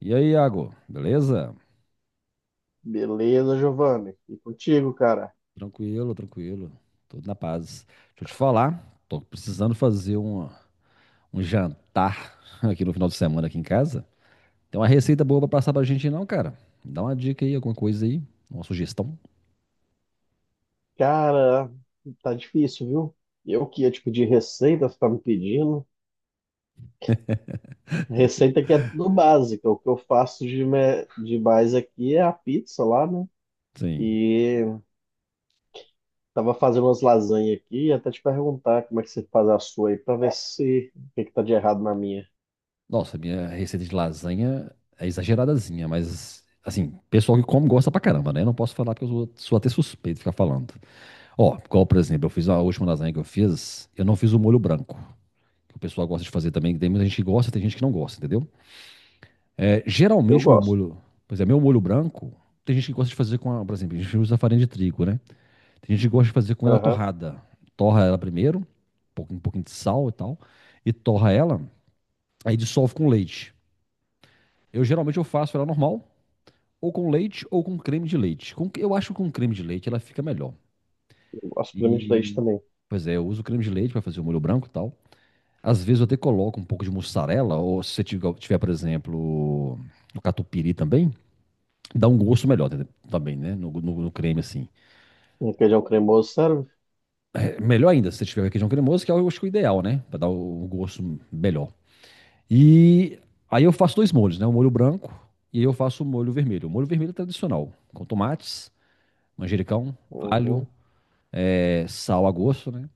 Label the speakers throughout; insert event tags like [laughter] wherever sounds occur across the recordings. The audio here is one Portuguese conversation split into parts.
Speaker 1: E aí, Iago, beleza?
Speaker 2: Beleza, Giovanni. E contigo, cara?
Speaker 1: Tranquilo, tranquilo. Tudo na paz. Deixa eu te falar, tô precisando fazer um jantar [laughs] aqui no final de semana aqui em casa. Tem uma receita boa pra passar pra gente não, cara? Me dá uma dica aí, alguma coisa aí, uma sugestão.
Speaker 2: Cara, tá difícil, viu? Eu que ia te pedir receita, você tá me pedindo. Receita que é tudo básica. O que eu faço de mais aqui é a pizza lá, né?
Speaker 1: Sim.
Speaker 2: E tava fazendo umas lasanhas aqui, até te perguntar como é que você faz a sua aí, pra ver se o que que tá de errado na minha.
Speaker 1: Nossa, minha receita de lasanha é exageradazinha, mas assim, pessoal que come gosta pra caramba, né? Não posso falar porque eu sou até suspeito de ficar falando. Ó, igual, por exemplo, eu fiz a última lasanha que eu fiz, eu não fiz o molho branco, que o pessoal gosta de fazer também, que tem muita gente que gosta, tem gente que não gosta, entendeu? É,
Speaker 2: Eu
Speaker 1: geralmente o meu
Speaker 2: gosto.
Speaker 1: molho, pois é meu molho branco, tem gente que gosta de fazer com, a, por exemplo, a gente usa farinha de trigo, né? Tem gente que gosta de fazer com ela
Speaker 2: Aham.
Speaker 1: torrada. Torra ela primeiro, um pouquinho de sal e tal, e torra ela, aí dissolve com leite. Eu geralmente eu faço ela normal, ou com leite, ou com creme de leite. Eu acho que com creme de leite ela fica melhor.
Speaker 2: Eu gosto de creme de leite
Speaker 1: E,
Speaker 2: também.
Speaker 1: pois é, eu uso creme de leite para fazer o molho branco e tal. Às vezes eu até coloco um pouco de mussarela, ou se você tiver, por exemplo, o catupiry também, dá um gosto melhor, entendeu? Também, né? No creme, assim.
Speaker 2: Um requeijão cremoso, serve?
Speaker 1: É melhor ainda se você tiver requeijão cremoso, eu acho que é o ideal, né? Pra dar o gosto melhor. E aí eu faço dois molhos, né? O molho branco e eu faço o molho vermelho. O molho vermelho é tradicional, com tomates, manjericão, alho,
Speaker 2: Uhum.
Speaker 1: é, sal a gosto, né?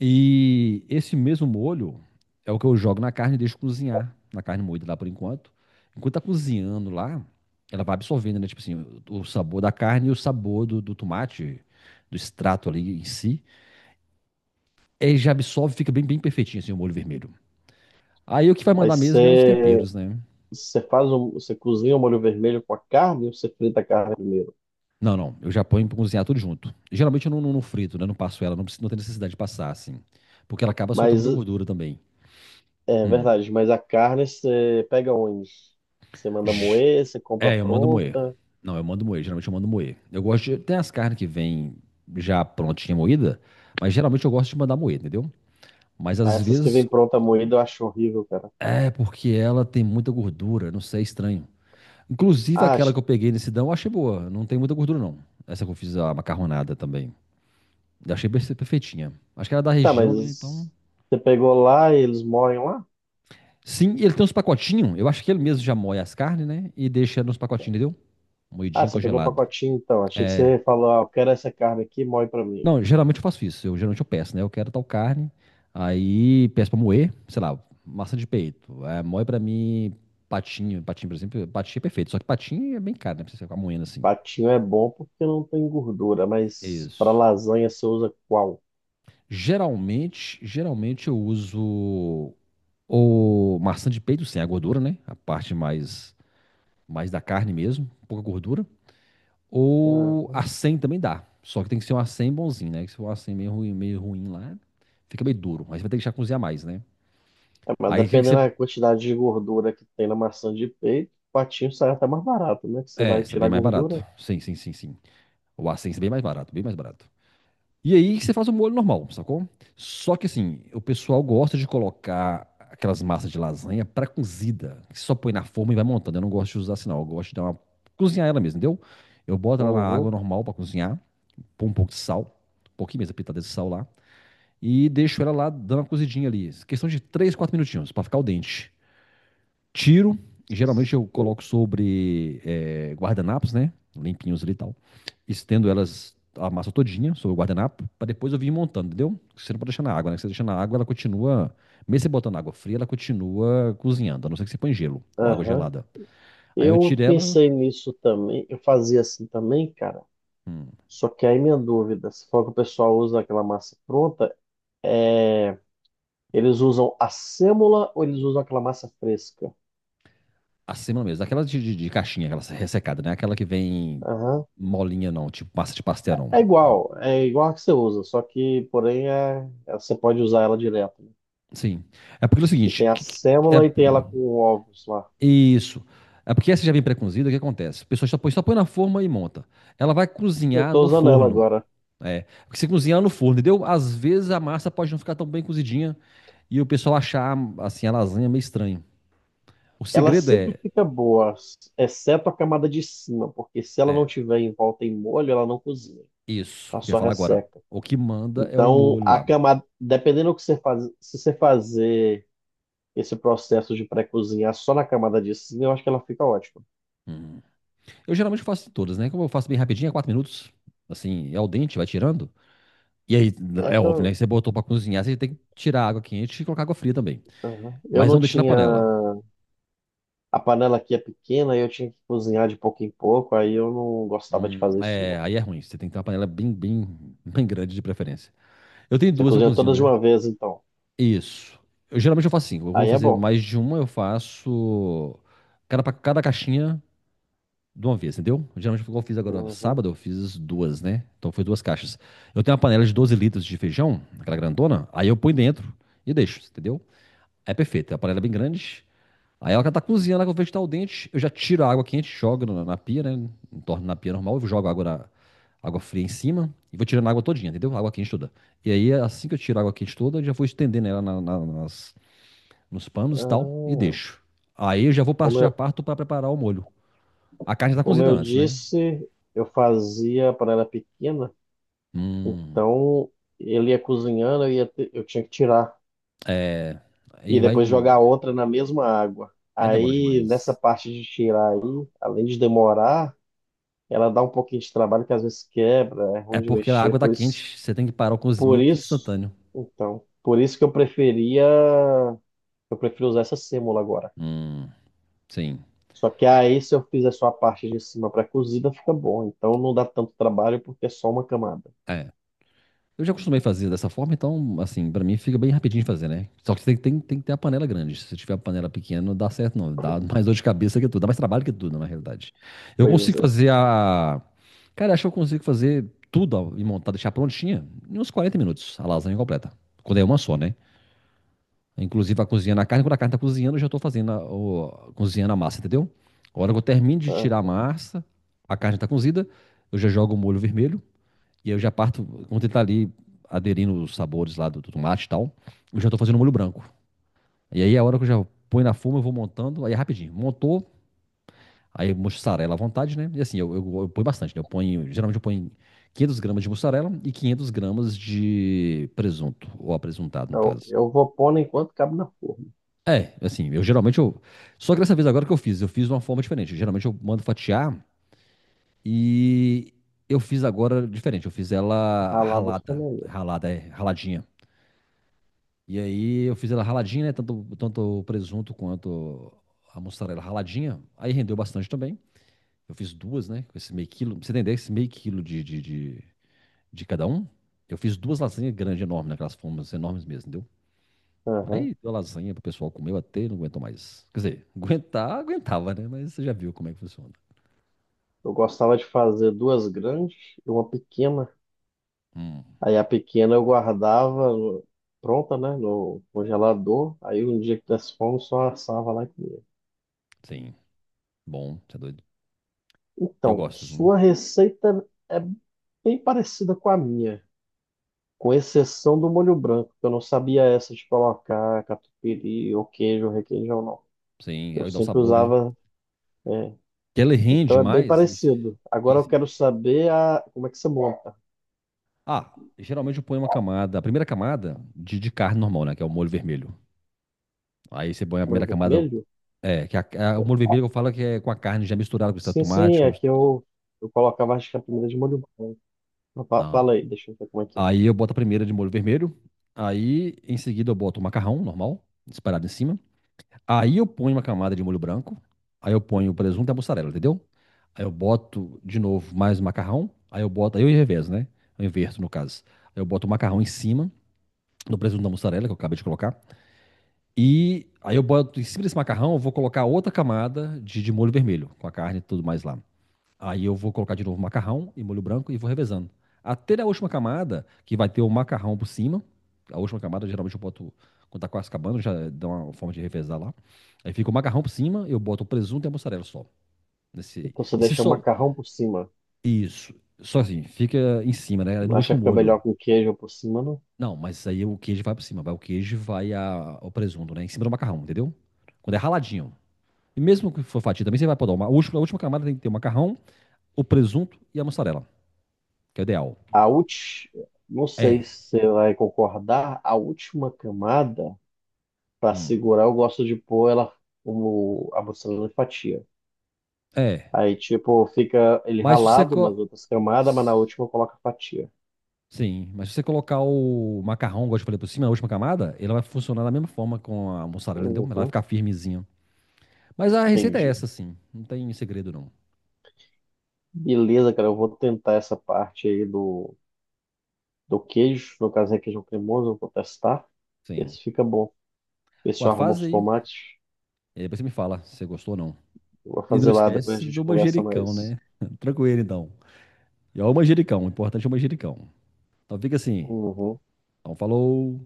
Speaker 1: E esse mesmo molho é o que eu jogo na carne e deixo cozinhar. Na carne moída lá por enquanto. Enquanto tá cozinhando lá, ela vai absorvendo, né? Tipo assim, o sabor da carne e o sabor do tomate, do extrato ali em si. Aí já absorve, fica bem, bem perfeitinho assim o molho vermelho. Aí o que vai mandar
Speaker 2: Mas
Speaker 1: mesmo é os
Speaker 2: você.
Speaker 1: temperos, né?
Speaker 2: Você faz você cozinha o molho vermelho com a carne ou você frita a carne primeiro?
Speaker 1: Não, não. Eu já ponho pra cozinhar tudo junto. Geralmente eu não frito, né? Não passo ela, não, não tem necessidade de passar, assim. Porque ela acaba soltando
Speaker 2: Mas
Speaker 1: muita gordura também.
Speaker 2: é
Speaker 1: Hum.
Speaker 2: verdade, mas a carne você pega onde? Você manda
Speaker 1: J-
Speaker 2: moer, você compra
Speaker 1: É, eu mando moer.
Speaker 2: pronta.
Speaker 1: Não, eu mando moer. Geralmente eu mando moer. Eu gosto de. Tem as carnes que vêm já prontinha moída, mas geralmente eu gosto de mandar moer, entendeu? Mas
Speaker 2: Ah,
Speaker 1: às
Speaker 2: essas que vêm
Speaker 1: vezes
Speaker 2: pronta moída eu acho horrível, cara.
Speaker 1: é porque ela tem muita gordura, não sei, é estranho. Inclusive
Speaker 2: Ah,
Speaker 1: aquela
Speaker 2: acho,
Speaker 1: que eu peguei nesse dão, eu achei boa. Não tem muita gordura, não. Essa que eu fiz a macarronada também. Eu achei perfeitinha. Acho que era da
Speaker 2: tá,
Speaker 1: região, né? Então.
Speaker 2: mas você pegou lá e eles moem lá?
Speaker 1: Sim, e ele tem uns pacotinhos. Eu acho que ele mesmo já moe as carnes, né? E deixa nos pacotinhos, entendeu?
Speaker 2: Ah,
Speaker 1: Moidinho
Speaker 2: você pegou o
Speaker 1: congelado.
Speaker 2: pacotinho então. Achei que você falou, ah, eu quero essa carne aqui, moe pra mim.
Speaker 1: Não, geralmente eu faço isso. Eu geralmente eu peço, né? Eu quero tal carne, aí peço pra moer, sei lá, massa de peito. É, moe pra mim patinho, patinho, por exemplo, patinho é perfeito, só que patinho é bem caro, né? Pra você ficar moendo assim.
Speaker 2: Patinho é bom porque não tem gordura, mas pra
Speaker 1: Isso.
Speaker 2: lasanha você usa qual?
Speaker 1: Geralmente eu uso o maçã de peito sem a gordura, né? A parte mais da carne mesmo, pouca gordura,
Speaker 2: Ah,
Speaker 1: ou acém também dá. Só que tem que ser um acém bonzinho, né? Que se for um acém meio ruim lá, fica meio duro. Aí você vai ter que já cozinhar mais, né?
Speaker 2: é, mas
Speaker 1: Aí o que que
Speaker 2: dependendo
Speaker 1: você
Speaker 2: da quantidade de gordura que tem na maçã de peito, o patinho sai até mais barato, né? Que você
Speaker 1: É,
Speaker 2: vai
Speaker 1: isso é
Speaker 2: tirar a
Speaker 1: bem mais barato.
Speaker 2: gordura.
Speaker 1: Sim, sim, sim, sim. O Ascenso é bem mais barato, bem mais barato. E aí você faz o molho normal, sacou? Só que assim, o pessoal gosta de colocar aquelas massas de lasanha pré-cozida, que só põe na forma e vai montando. Eu não gosto de usar assim, não. Eu gosto de dar uma, cozinhar ela mesmo, entendeu? Eu boto ela na
Speaker 2: Aham,
Speaker 1: água normal pra cozinhar, põe um pouco de sal, um pouquinho mesmo, pitada de sal lá, e deixo ela lá dando uma cozidinha ali. Questão de 3, 4 minutinhos pra ficar o dente. Tiro, e geralmente eu coloco sobre guardanapos, né? Limpinhos ali e tal, estendo elas a massa todinha sobre o guardanapo, para depois eu vir montando, entendeu? Você não pode deixar na água, né? Você deixa na água, ela continua, mesmo você botando água fria, ela continua cozinhando, a não ser que você põe gelo ou água
Speaker 2: aham.
Speaker 1: gelada. Aí eu
Speaker 2: Eu
Speaker 1: tiro ela,
Speaker 2: pensei nisso também. Eu fazia assim também, cara.
Speaker 1: hum,
Speaker 2: Só que aí minha dúvida, se for que o pessoal usa aquela massa pronta, é... eles usam a sêmola ou eles usam aquela massa fresca?
Speaker 1: acima mesmo, aquela de caixinha, aquela ressecada, né? Aquela que vem
Speaker 2: Aham.
Speaker 1: molinha não, tipo massa de pastel não.
Speaker 2: É igual a que você usa, só que, porém, você pode usar ela direto, né?
Speaker 1: Sim. É porque é o
Speaker 2: Que
Speaker 1: seguinte,
Speaker 2: tem a
Speaker 1: é
Speaker 2: sêmola e tem ela com ovos lá.
Speaker 1: isso. É porque essa já vem pré-cozida, o que acontece? A pessoa só põe na forma e monta. Ela vai
Speaker 2: Eu
Speaker 1: cozinhar
Speaker 2: tô
Speaker 1: no
Speaker 2: usando ela
Speaker 1: forno.
Speaker 2: agora.
Speaker 1: É, porque você cozinha ela no forno, entendeu? Às vezes a massa pode não ficar tão bem cozidinha e o pessoal achar assim a lasanha meio estranho. O
Speaker 2: Ela
Speaker 1: segredo
Speaker 2: sempre
Speaker 1: é,
Speaker 2: fica boa, exceto a camada de cima, porque se ela não
Speaker 1: é
Speaker 2: tiver em volta em molho, ela não cozinha,
Speaker 1: isso,
Speaker 2: ela
Speaker 1: que eu ia
Speaker 2: só
Speaker 1: falar agora.
Speaker 2: resseca.
Speaker 1: O que manda é o
Speaker 2: Então,
Speaker 1: molho
Speaker 2: a
Speaker 1: lá.
Speaker 2: camada, dependendo do que você faz, se você fazer esse processo de pré-cozinhar só na camada de cima, eu acho que ela fica ótima.
Speaker 1: Hum. Eu geralmente faço todas, né? Como eu faço bem rapidinho, é 4 minutos, assim, é ao dente, vai tirando. E aí,
Speaker 2: É
Speaker 1: é
Speaker 2: que eu,
Speaker 1: óbvio, né? Que você botou pra cozinhar, você tem que tirar a água quente e colocar água fria também.
Speaker 2: aham. eu
Speaker 1: Mas
Speaker 2: não
Speaker 1: não deixe na
Speaker 2: tinha,
Speaker 1: panela.
Speaker 2: A panela aqui é pequena, eu tinha que cozinhar de pouco em pouco, aí eu não gostava de fazer isso
Speaker 1: É,
Speaker 2: não.
Speaker 1: aí é ruim. Você tem que ter uma panela bem, bem, bem grande de preferência. Eu tenho
Speaker 2: Você
Speaker 1: duas, eu
Speaker 2: cozinha
Speaker 1: cozinho,
Speaker 2: todas de
Speaker 1: né?
Speaker 2: uma vez, então.
Speaker 1: Isso. Eu, geralmente eu faço assim. Eu vou
Speaker 2: Aí é
Speaker 1: fazer
Speaker 2: bom.
Speaker 1: mais de uma, eu faço cada para cada caixinha de uma vez, entendeu? Geralmente eu fiz agora
Speaker 2: Uhum.
Speaker 1: sábado, eu fiz duas, né? Então foi duas caixas. Eu tenho uma panela de 12 litros de feijão, aquela grandona, aí eu ponho dentro e deixo, entendeu? É perfeito. A panela é bem grande. Aí ela tá cozinhando, ela que eu vejo que tá o dente, eu já tiro a água quente, jogo na pia, né? Torno na pia normal, eu jogo a água, água fria em cima e vou tirando a água todinha, entendeu? A água quente toda. E aí, assim que eu tiro a água quente toda, eu já vou estendendo ela nos panos e tal, e
Speaker 2: Ah,
Speaker 1: deixo. Aí eu já vou partir
Speaker 2: como
Speaker 1: já
Speaker 2: eu,
Speaker 1: parto para preparar o molho. A carne já tá
Speaker 2: Como
Speaker 1: cozida
Speaker 2: eu
Speaker 1: antes, né?
Speaker 2: disse, eu fazia quando era pequena,
Speaker 1: Hum,
Speaker 2: então ele ia cozinhando, eu, ia te- eu tinha que tirar
Speaker 1: aí
Speaker 2: e
Speaker 1: vai.
Speaker 2: depois jogar outra na mesma água.
Speaker 1: Aí demora
Speaker 2: Aí, nessa
Speaker 1: demais.
Speaker 2: parte de tirar aí, além de demorar, ela dá um pouquinho de trabalho que às vezes quebra, é
Speaker 1: É
Speaker 2: ruim de
Speaker 1: porque a
Speaker 2: mexer,
Speaker 1: água tá quente, você tem que parar o
Speaker 2: por
Speaker 1: cozimento
Speaker 2: isso,
Speaker 1: instantâneo.
Speaker 2: por isso que eu preferia, eu prefiro usar essa sêmola agora.
Speaker 1: Hum, sim.
Speaker 2: Só que aí, se eu fizer só a parte de cima para cozida, fica bom. Então não dá tanto trabalho porque é só uma camada.
Speaker 1: É. Eu já acostumei fazer dessa forma, então, assim, pra mim fica bem rapidinho de fazer, né? Só que você tem que ter a panela grande. Se você tiver a panela pequena, não dá certo, não. Dá mais dor de cabeça que tudo. Dá mais trabalho que tudo, na realidade. Eu
Speaker 2: Pois
Speaker 1: consigo
Speaker 2: é.
Speaker 1: fazer a. Cara, acho que eu consigo fazer tudo ó, e montar, deixar prontinha em uns 40 minutos, a lasanha completa. Quando é uma só, né? Inclusive, a cozinhando a carne, quando a carne tá cozinhando, eu já tô fazendo cozinhando a massa, entendeu? A hora que eu termino de tirar a
Speaker 2: Ah,
Speaker 1: massa, a carne tá cozida, eu já jogo o molho vermelho. E aí eu já parto, quando ele tá ali aderindo os sabores lá do tomate e tal, eu já tô fazendo o molho branco. E aí é a hora que eu já põe na forma, eu vou montando, aí é rapidinho. Montou, aí mussarela à vontade, né? E assim, eu ponho bastante, né? Eu ponho, geralmente eu ponho 500 gramas de mussarela e 500 gramas de presunto, ou apresuntado, no caso.
Speaker 2: Eu vou pondo enquanto cabe na forma.
Speaker 1: É, assim, eu geralmente eu. Só que dessa vez agora que eu fiz de uma forma diferente. Geralmente eu mando fatiar e eu fiz agora diferente. Eu fiz ela
Speaker 2: Ralado fica
Speaker 1: ralada,
Speaker 2: melhor.
Speaker 1: ralada, é, raladinha. E aí eu fiz ela raladinha, né? Tanto, tanto o presunto quanto a mussarela raladinha. Aí rendeu bastante também. Eu fiz duas, né? Com esse meio quilo. Pra você entender, esse meio quilo de cada um. Eu fiz duas lasanhas grandes, enormes, naquelas formas enormes mesmo, entendeu? Aí
Speaker 2: Aham.
Speaker 1: deu lasanha pro pessoal comer até não aguentou mais. Quer dizer, [laughs] aguentar, aguentava, né? Mas você já viu como é que funciona.
Speaker 2: Eu gostava de fazer duas grandes e uma pequena.
Speaker 1: Hum,
Speaker 2: Aí a pequena eu guardava pronta, né, no congelador. Aí um dia que desse fome, só assava lá e comia.
Speaker 1: sim. Bom, você é doido. Eu
Speaker 2: Então,
Speaker 1: gosto, viu?
Speaker 2: sua receita é bem parecida com a minha, com exceção do molho branco, que eu não sabia essa de colocar catupiry ou queijo, requeijão, não.
Speaker 1: Sim,
Speaker 2: Eu
Speaker 1: aí dá o
Speaker 2: sempre
Speaker 1: sabor, né?
Speaker 2: usava, é.
Speaker 1: Que ele rende
Speaker 2: Então é bem
Speaker 1: mais e,
Speaker 2: parecido. Agora
Speaker 1: e
Speaker 2: eu quero saber a... como é que você monta.
Speaker 1: Ah, geralmente eu ponho uma camada, a primeira camada de carne normal, né? Que é o molho vermelho. Aí você põe a
Speaker 2: Molho
Speaker 1: primeira camada,
Speaker 2: vermelho?
Speaker 1: é, que é é o molho vermelho que eu falo que é com a carne já misturada com extrato de
Speaker 2: Sim, sim,
Speaker 1: tomate. Ou.
Speaker 2: é que eu, eu colocava acho que a primeira de molho branco.
Speaker 1: Não.
Speaker 2: Fala aí, deixa eu ver como é que é.
Speaker 1: Aí eu boto a primeira de molho vermelho. Aí em seguida eu boto o macarrão normal, disparado em cima. Aí eu ponho uma camada de molho branco. Aí eu ponho o presunto e a mussarela, entendeu? Aí eu boto de novo mais o macarrão. Aí eu revezo, né? Eu inverto no caso. Aí eu boto o macarrão em cima do presunto da mussarela que eu acabei de colocar. E aí eu boto em cima desse macarrão, eu vou colocar outra camada de molho vermelho, com a carne e tudo mais lá. Aí eu vou colocar de novo macarrão e molho branco e vou revezando. Até na última camada, que vai ter o macarrão por cima. A última camada, geralmente eu boto, quando tá quase acabando, já dá uma forma de revezar lá. Aí fica o macarrão por cima, eu boto o presunto e a mussarela só. Nesse,
Speaker 2: Então você
Speaker 1: e se
Speaker 2: deixa o
Speaker 1: só.
Speaker 2: macarrão por cima.
Speaker 1: Isso. Só assim, fica em cima, né? No
Speaker 2: Acha
Speaker 1: último
Speaker 2: que fica melhor
Speaker 1: molho.
Speaker 2: com queijo por cima, não?
Speaker 1: Não, mas aí o queijo vai por cima, vai o queijo vai a, o presunto, né? Em cima do macarrão, entendeu? Quando é raladinho. E mesmo que for fatia, também você vai podar. A última camada tem que ter o macarrão, o presunto e a mussarela, que é o ideal.
Speaker 2: A última, não sei
Speaker 1: É.
Speaker 2: se você vai concordar, a última camada, para
Speaker 1: Hum.
Speaker 2: segurar, eu gosto de pôr ela como a mussarela em fatia.
Speaker 1: É.
Speaker 2: Aí, tipo, fica ele
Speaker 1: Mas se você.
Speaker 2: ralado nas
Speaker 1: Co-
Speaker 2: outras camadas, mas na última coloca fatia.
Speaker 1: Sim, mas se você colocar o macarrão, igual eu te falei, por cima, na última camada, ele vai funcionar da mesma forma com a mussarela, entendeu? Ela vai
Speaker 2: Uhum,
Speaker 1: ficar firmezinha. Mas a receita é
Speaker 2: entendi.
Speaker 1: essa, sim. Não tem segredo, não.
Speaker 2: Beleza, cara, eu vou tentar essa parte aí do, do queijo. No caso é queijo cremoso, eu vou testar. Ver
Speaker 1: Sim.
Speaker 2: se fica bom. Ver se
Speaker 1: Ué,
Speaker 2: eu arrumo
Speaker 1: faz
Speaker 2: os
Speaker 1: aí.
Speaker 2: tomates.
Speaker 1: E aí depois você me fala se você gostou ou não.
Speaker 2: Eu vou
Speaker 1: E não
Speaker 2: fazer lá, depois a
Speaker 1: esquece
Speaker 2: gente
Speaker 1: do
Speaker 2: conversa
Speaker 1: manjericão,
Speaker 2: mais.
Speaker 1: né? [laughs] Tranquilo, então. E ó, o manjericão. O importante é o manjericão. Então fica assim.
Speaker 2: Uhum.
Speaker 1: Então falou.